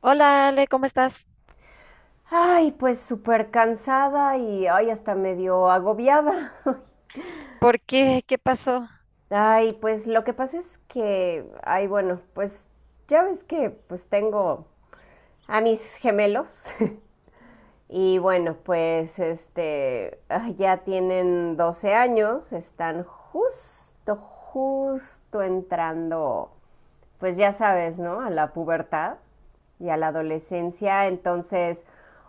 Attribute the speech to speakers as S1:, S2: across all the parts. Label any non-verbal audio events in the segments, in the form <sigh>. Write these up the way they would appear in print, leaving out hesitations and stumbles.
S1: Hola Ale, ¿cómo estás?
S2: Ay, pues súper cansada y ay, hasta medio agobiada. <laughs>
S1: ¿Por qué? ¿Qué pasó?
S2: Ay, pues lo que pasa es que, ay, bueno, pues ya ves que pues tengo a mis gemelos <laughs> y bueno, pues este, ay, ya tienen 12 años, están justo, justo entrando pues ya sabes, ¿no? A la pubertad y a la adolescencia. Entonces,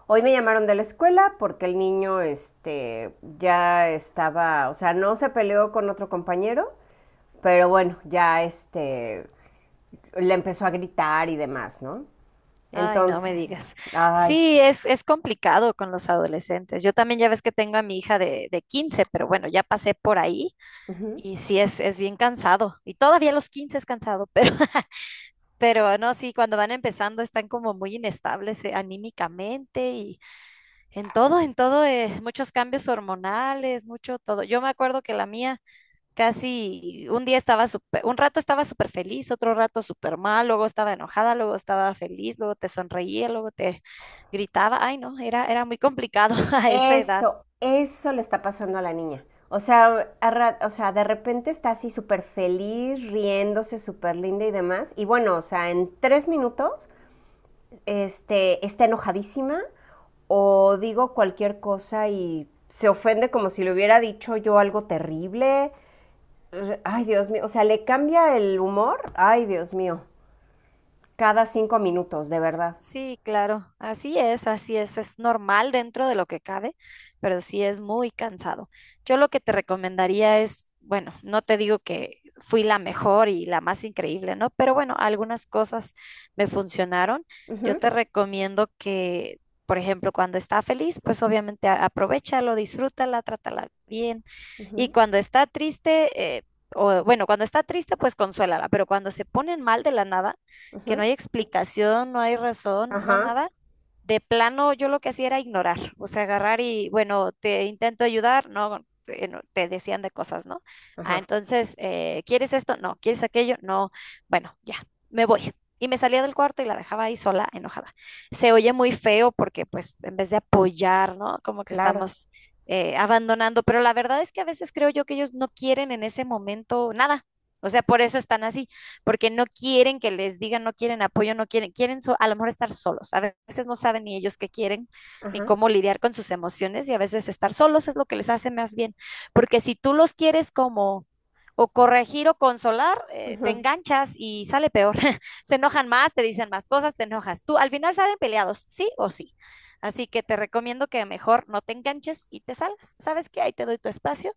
S2: hoy me llamaron de la escuela porque el niño este, ya estaba, o sea, no se peleó con otro compañero, pero bueno, ya este, le empezó a gritar y demás, ¿no?
S1: Ay, no me
S2: Entonces,
S1: digas.
S2: ay,
S1: Sí, es complicado con los adolescentes. Yo también ya ves que tengo a mi hija de 15, pero bueno, ya pasé por ahí
S2: ujú.
S1: y sí es bien cansado. Y todavía a los 15 es cansado, pero, <laughs> pero no, sí, cuando van empezando están como muy inestables anímicamente y en todo, muchos cambios hormonales, mucho todo. Yo me acuerdo que la mía. Casi un día estaba súper, un rato estaba súper feliz, otro rato súper mal, luego estaba enojada, luego estaba feliz, luego te sonreía, luego te gritaba. Ay, no, era muy complicado <laughs> a esa edad.
S2: Eso le está pasando a la niña. O sea, o sea, de repente está así súper feliz, riéndose, súper linda y demás. Y bueno, o sea, en 3 minutos este, está enojadísima o digo cualquier cosa y se ofende como si le hubiera dicho yo algo terrible. Ay, Dios mío, o sea, le cambia el humor. Ay, Dios mío, cada 5 minutos, de verdad.
S1: Sí, claro, así es normal dentro de lo que cabe, pero sí es muy cansado. Yo lo que te recomendaría es, bueno, no te digo que fui la mejor y la más increíble, ¿no? Pero bueno, algunas cosas me funcionaron. Yo
S2: Ujú,
S1: te recomiendo que, por ejemplo, cuando está feliz, pues obviamente aprovechalo, disfrútala, trátala bien. Y
S2: ujú,
S1: cuando está triste, eh, pues consuélala, pero cuando se ponen mal de la nada, que
S2: ujú.
S1: no hay explicación, no hay razón, no
S2: Ajá,
S1: nada. De plano, yo lo que hacía era ignorar, o sea, agarrar y, bueno, te intento ayudar, no, no, te decían de cosas, ¿no? Ah,
S2: ajá,
S1: entonces, ¿quieres esto? No, ¿quieres aquello? No, bueno, ya, me voy. Y me salía del cuarto y la dejaba ahí sola, enojada. Se oye muy feo porque, pues, en vez de apoyar, ¿no? Como que
S2: claro.
S1: estamos abandonando, pero la verdad es que a veces creo yo que ellos no quieren en ese momento nada. O sea, por eso están así porque no quieren que les digan, no quieren apoyo, no quieren, a lo mejor estar solos. A veces no saben ni ellos qué quieren, ni
S2: Ajá,
S1: cómo lidiar con sus emociones y a veces estar solos es lo que les hace más bien, porque si tú los quieres como o corregir o consolar, te
S2: ujú.
S1: enganchas y sale peor. <laughs> Se enojan más, te dicen más cosas, te enojas tú. Al final salen peleados, sí o sí. Así que te recomiendo que mejor no te enganches y te salgas. ¿Sabes qué? Ahí te doy tu espacio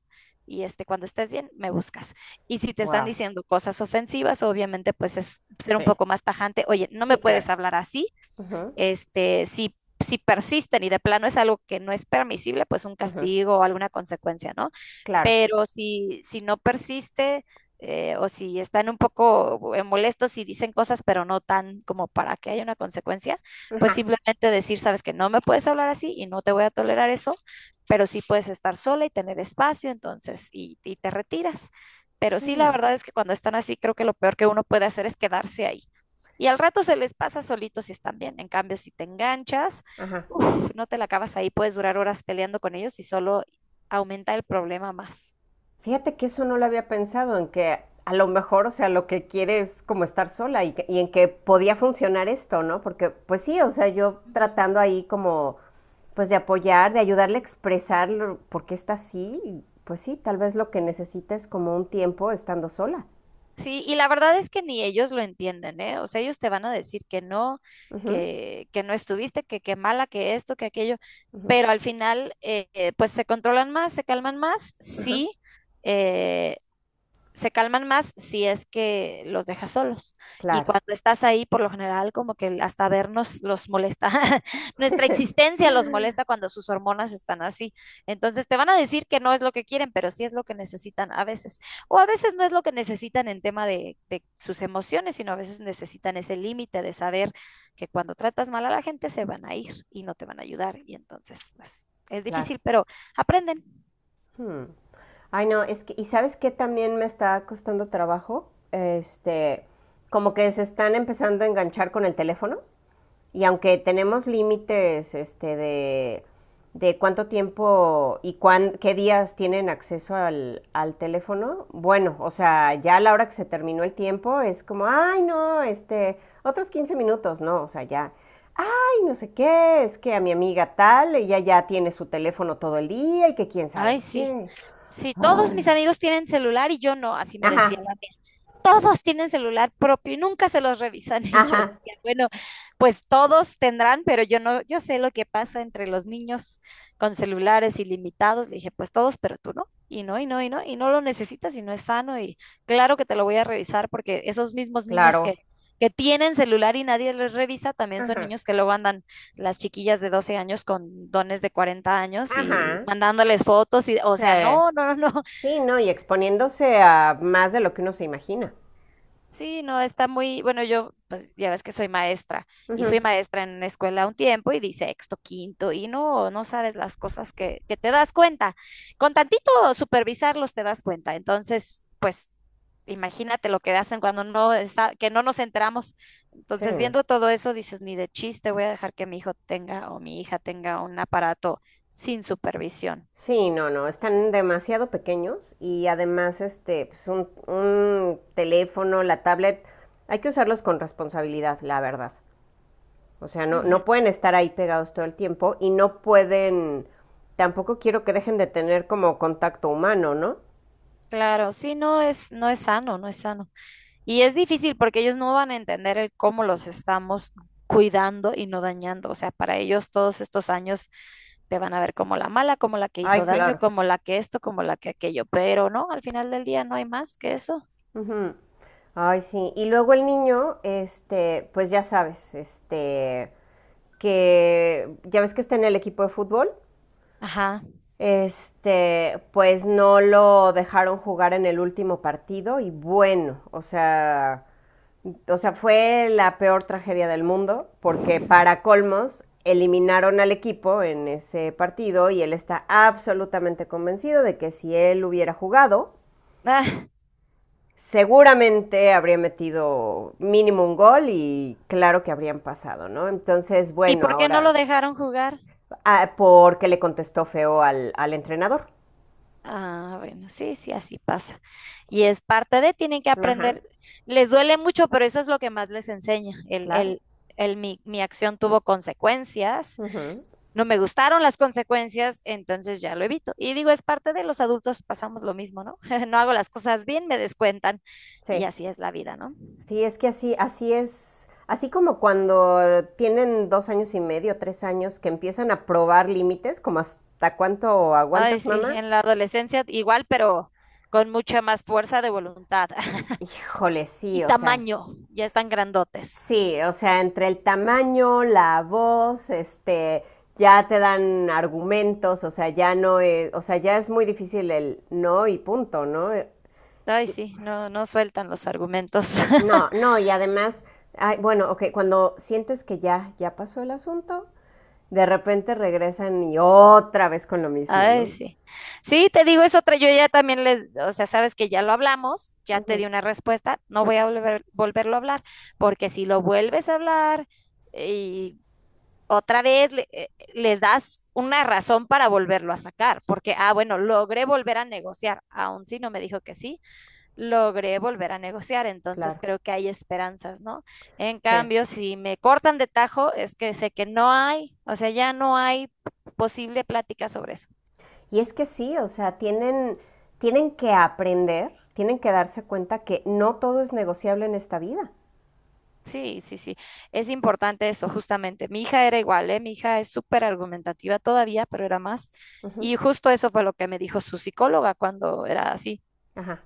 S1: y este, cuando estés bien, me buscas. Y si te están
S2: Wow,
S1: diciendo cosas ofensivas, obviamente pues es ser un
S2: sí,
S1: poco más tajante. Oye, no me
S2: sí,
S1: puedes
S2: claro.
S1: hablar así
S2: Ujú,
S1: este, si persisten y de plano es algo que no es permisible, pues un
S2: ujú,
S1: castigo o alguna consecuencia, ¿no?
S2: claro.
S1: Pero si no persiste o si están un poco molestos y dicen cosas, pero no tan como para que haya una consecuencia, pues
S2: Ajá,
S1: simplemente decir, sabes que no me puedes hablar así y no te voy a tolerar eso, pero sí puedes estar sola y tener espacio, entonces, y te retiras. Pero sí, la
S2: mm,
S1: verdad es que cuando están así, creo que lo peor que uno puede hacer es quedarse ahí. Y al rato se les pasa solitos si están bien. En cambio, si te enganchas,
S2: ajá.
S1: uf, no te la acabas ahí, puedes durar horas peleando con ellos y solo aumenta el problema más.
S2: Fíjate que eso no lo había pensado, en que a lo mejor, o sea, lo que quiere es como estar sola y, y en que podía funcionar esto, ¿no? Porque, pues sí, o sea, yo
S1: Ujú.
S2: tratando ahí como, pues de apoyar, de ayudarle a expresar por qué está así, y, pues sí, tal vez lo que necesita es como un tiempo estando sola.
S1: Sí, y la verdad es que ni ellos lo entienden, ¿eh? O sea, ellos te van a decir que no,
S2: Ujú,
S1: que no estuviste, que qué mala, que esto, que aquello,
S2: ujú.
S1: pero al final, pues se controlan más, se calman más, sí, eh, se calman más si es que los dejas solos. Y
S2: Claro,
S1: cuando estás ahí, por lo general, como que hasta vernos los molesta. <laughs> Nuestra existencia los molesta cuando sus hormonas están así. Entonces te van a decir que no es lo que quieren, pero sí es lo que necesitan a veces. O a veces no es lo que necesitan en tema de sus emociones, sino a veces necesitan ese límite de saber que cuando tratas mal a la gente se van a ir y no te van a ayudar. Y entonces, pues, es
S2: claro.
S1: difícil, pero aprenden.
S2: Hmm. Ay, no, es que, ¿y sabes qué también me está costando trabajo? Este, como que se están empezando a enganchar con el teléfono. Y aunque tenemos límites este, de cuánto tiempo y qué días tienen acceso al teléfono, bueno, o sea, ya a la hora que se terminó el tiempo es como, ay, no, este, otros 15 minutos, no, o sea, ya, ay, no sé qué, es que a mi amiga tal, ella ya tiene su teléfono todo el día y que quién
S1: Ay,
S2: sabe
S1: sí.
S2: qué.
S1: Si todos mis
S2: Ay.
S1: amigos tienen celular y yo no, así me decía
S2: Ajá,
S1: la mía. Todos tienen celular propio y nunca se los revisan. <laughs> Y yo
S2: ajá,
S1: decía, bueno, pues todos tendrán, pero yo no, yo sé lo que pasa entre los niños con celulares ilimitados. Le dije, pues todos, pero tú no. Y no, y no, y no, y no lo necesitas y no es sano. Y claro que te lo voy a revisar porque esos mismos niños
S2: claro.
S1: que tienen celular y nadie les revisa, también son
S2: Ajá,
S1: niños que luego andan las chiquillas de 12 años con dones de 40 años y
S2: ajá,
S1: mandándoles fotos. Y, o
S2: sí.
S1: sea, no, no, no, no.
S2: Sí, no, y exponiéndose a más de lo que uno se imagina.
S1: Sí, no, está muy, bueno, yo pues ya ves que soy maestra y fui
S2: Ujú.
S1: maestra en una escuela un tiempo y di sexto, quinto y no, no sabes las cosas que te das cuenta. Con tantito supervisarlos te das cuenta. Entonces, pues imagínate lo que hacen cuando no está, que no nos enteramos.
S2: Sí,
S1: Entonces,
S2: no.
S1: viendo todo eso, dices, ni de chiste voy a dejar que mi hijo tenga o mi hija tenga un aparato sin supervisión.
S2: Sí, no, no, están demasiado pequeños y además este, pues un teléfono, la tablet, hay que usarlos con responsabilidad, la verdad. O sea, no,
S1: Ujú,
S2: no pueden estar ahí pegados todo el tiempo y no pueden, tampoco quiero que dejen de tener como contacto humano, ¿no?
S1: claro, sí, no es, no es sano, no es sano. Y es difícil porque ellos no van a entender el cómo los estamos cuidando y no dañando. O sea, para ellos todos estos años te van a ver como la mala, como la que hizo
S2: Ay,
S1: daño,
S2: claro.
S1: como la que esto, como la que aquello. Pero no, al final del día no hay más que eso.
S2: Ujú. Ay, sí. Y luego el niño, este, pues ya sabes, este, que ya ves que está en el equipo de fútbol,
S1: Ajá. <laughs>
S2: este, pues no lo dejaron jugar en el último partido y bueno, o sea, fue la peor tragedia del mundo porque
S1: Ujú.
S2: para colmos eliminaron al equipo en ese partido y él está absolutamente convencido de que si él hubiera jugado,
S1: Ah,
S2: seguramente habría metido mínimo un gol y claro que habrían pasado, ¿no? Entonces,
S1: ¿y
S2: bueno,
S1: por qué no lo
S2: ahora.
S1: dejaron jugar?
S2: Ah, porque le contestó feo al entrenador.
S1: Ah, bueno, sí, sí, así pasa. Y es parte de, tienen que
S2: Ajá,
S1: aprender. Les duele mucho, pero eso es lo que más les enseña. El,
S2: claro.
S1: el, el, mi, mi acción tuvo consecuencias.
S2: Ujú,
S1: No me gustaron las consecuencias, entonces ya lo evito. Y digo, es parte de los adultos, pasamos lo mismo, ¿no? <laughs> No hago las cosas bien, me descuentan y
S2: sí,
S1: así es la vida, ¿no?
S2: sí, es que así, así es, así como cuando tienen 2 años y medio, 3 años, que empiezan a probar límites, como hasta cuánto
S1: Ay,
S2: aguantas,
S1: sí,
S2: mamá.
S1: en la adolescencia igual, pero con mucha más fuerza de voluntad <laughs>
S2: Híjole,
S1: y tamaño, ya están grandotes.
S2: sí, o sea, entre el tamaño, la voz, este, ya te dan argumentos, o sea, ya no es, o sea, ya es muy difícil el no y punto, ¿no?
S1: Ay, sí, no, no sueltan los argumentos. <laughs>
S2: No, no, y además, ay, bueno, ok, cuando sientes que ya, ya pasó el asunto, de repente regresan y otra vez con lo mismo, ¿no?
S1: Ay, sí. Sí, te digo, es otra. Yo ya también les, o sea, sabes que ya lo hablamos, ya te
S2: Ujú,
S1: di una respuesta, no voy a volverlo a hablar, porque si lo vuelves a hablar y otra vez les das una razón para volverlo a sacar, porque, ah, bueno, logré volver a negociar, aún si no me dijo que sí, logré volver a negociar, entonces
S2: claro.
S1: creo que hay esperanzas, ¿no? En
S2: Sí.
S1: cambio, si me cortan de tajo, es que sé que no hay, o sea, ya no hay posible plática sobre eso.
S2: Y es que sí, o sea, tienen que aprender, tienen que darse cuenta que no todo es negociable en esta vida.
S1: Sí, sí, sí. Es importante eso, justamente. Mi hija era igual, ¿eh? Mi hija es súper argumentativa todavía, pero era más.
S2: Ujú,
S1: Y justo eso fue lo que me dijo su psicóloga cuando era así.
S2: ajá,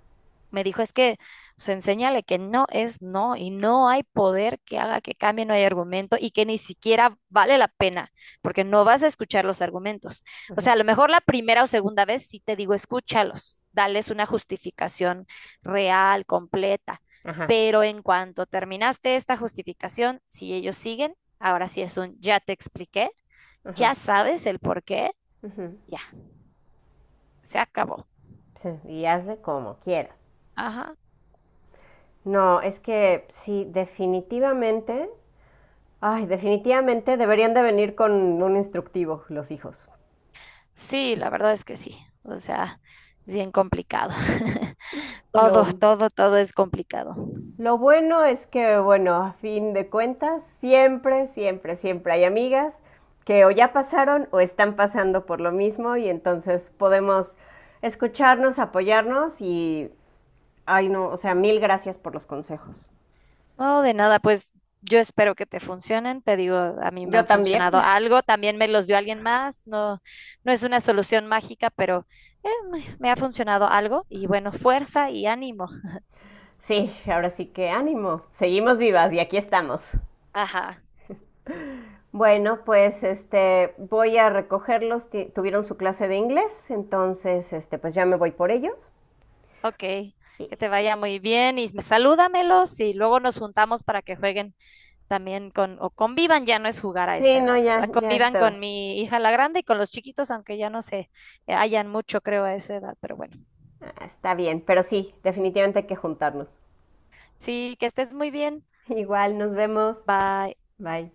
S1: Me dijo, es que se enséñale que no es no y no hay poder que haga que cambie, no hay argumento y que ni siquiera vale la pena porque no vas a escuchar los argumentos. O
S2: ujú,
S1: sea, a lo mejor la primera o segunda vez sí te digo, escúchalos, dales una justificación real, completa,
S2: ajá,
S1: pero en cuanto terminaste esta justificación, si ellos siguen, ahora sí es un ya te expliqué,
S2: ajá,
S1: ya sabes el por qué,
S2: ujú.
S1: ya, se acabó.
S2: Sí, y hazle como quieras.
S1: Ajá.
S2: No, es que sí, definitivamente. Ay, definitivamente deberían de venir con un instructivo los hijos.
S1: Sí, la verdad es que sí. O sea, es bien complicado. <laughs> Todo,
S2: Lo,
S1: todo, todo es complicado.
S2: lo bueno es que, bueno, a fin de cuentas, siempre, siempre, siempre hay amigas que o ya pasaron o están pasando por lo mismo y entonces podemos escucharnos, apoyarnos y, ay no, o sea, mil gracias por los consejos.
S1: No, de nada, pues yo espero que te funcionen. Te digo, a mí me
S2: Yo
S1: han
S2: también.
S1: funcionado
S2: <laughs>
S1: algo. También me los dio alguien más. No, no es una solución mágica, pero me ha funcionado algo. Y bueno, fuerza y ánimo.
S2: Sí, ahora sí que ánimo. Seguimos vivas y aquí estamos.
S1: Ajá,
S2: Bueno, pues este, voy a recogerlos. Tuvieron su clase de inglés, entonces este, pues ya me voy por ellos.
S1: ok.
S2: Y-
S1: Que te vaya muy bien y salúdamelos y luego nos juntamos para que jueguen. O convivan, ya no es jugar a esta
S2: Sí, no,
S1: edad, ¿verdad?
S2: ya, ya
S1: Convivan con
S2: está.
S1: mi hija la grande y con los chiquitos, aunque ya no se hayan mucho, creo, a esa edad, pero bueno.
S2: Ah, está bien, pero sí, definitivamente hay que juntarnos.
S1: Sí, que estés muy bien.
S2: <laughs> Igual, nos vemos.
S1: Bye.
S2: Bye.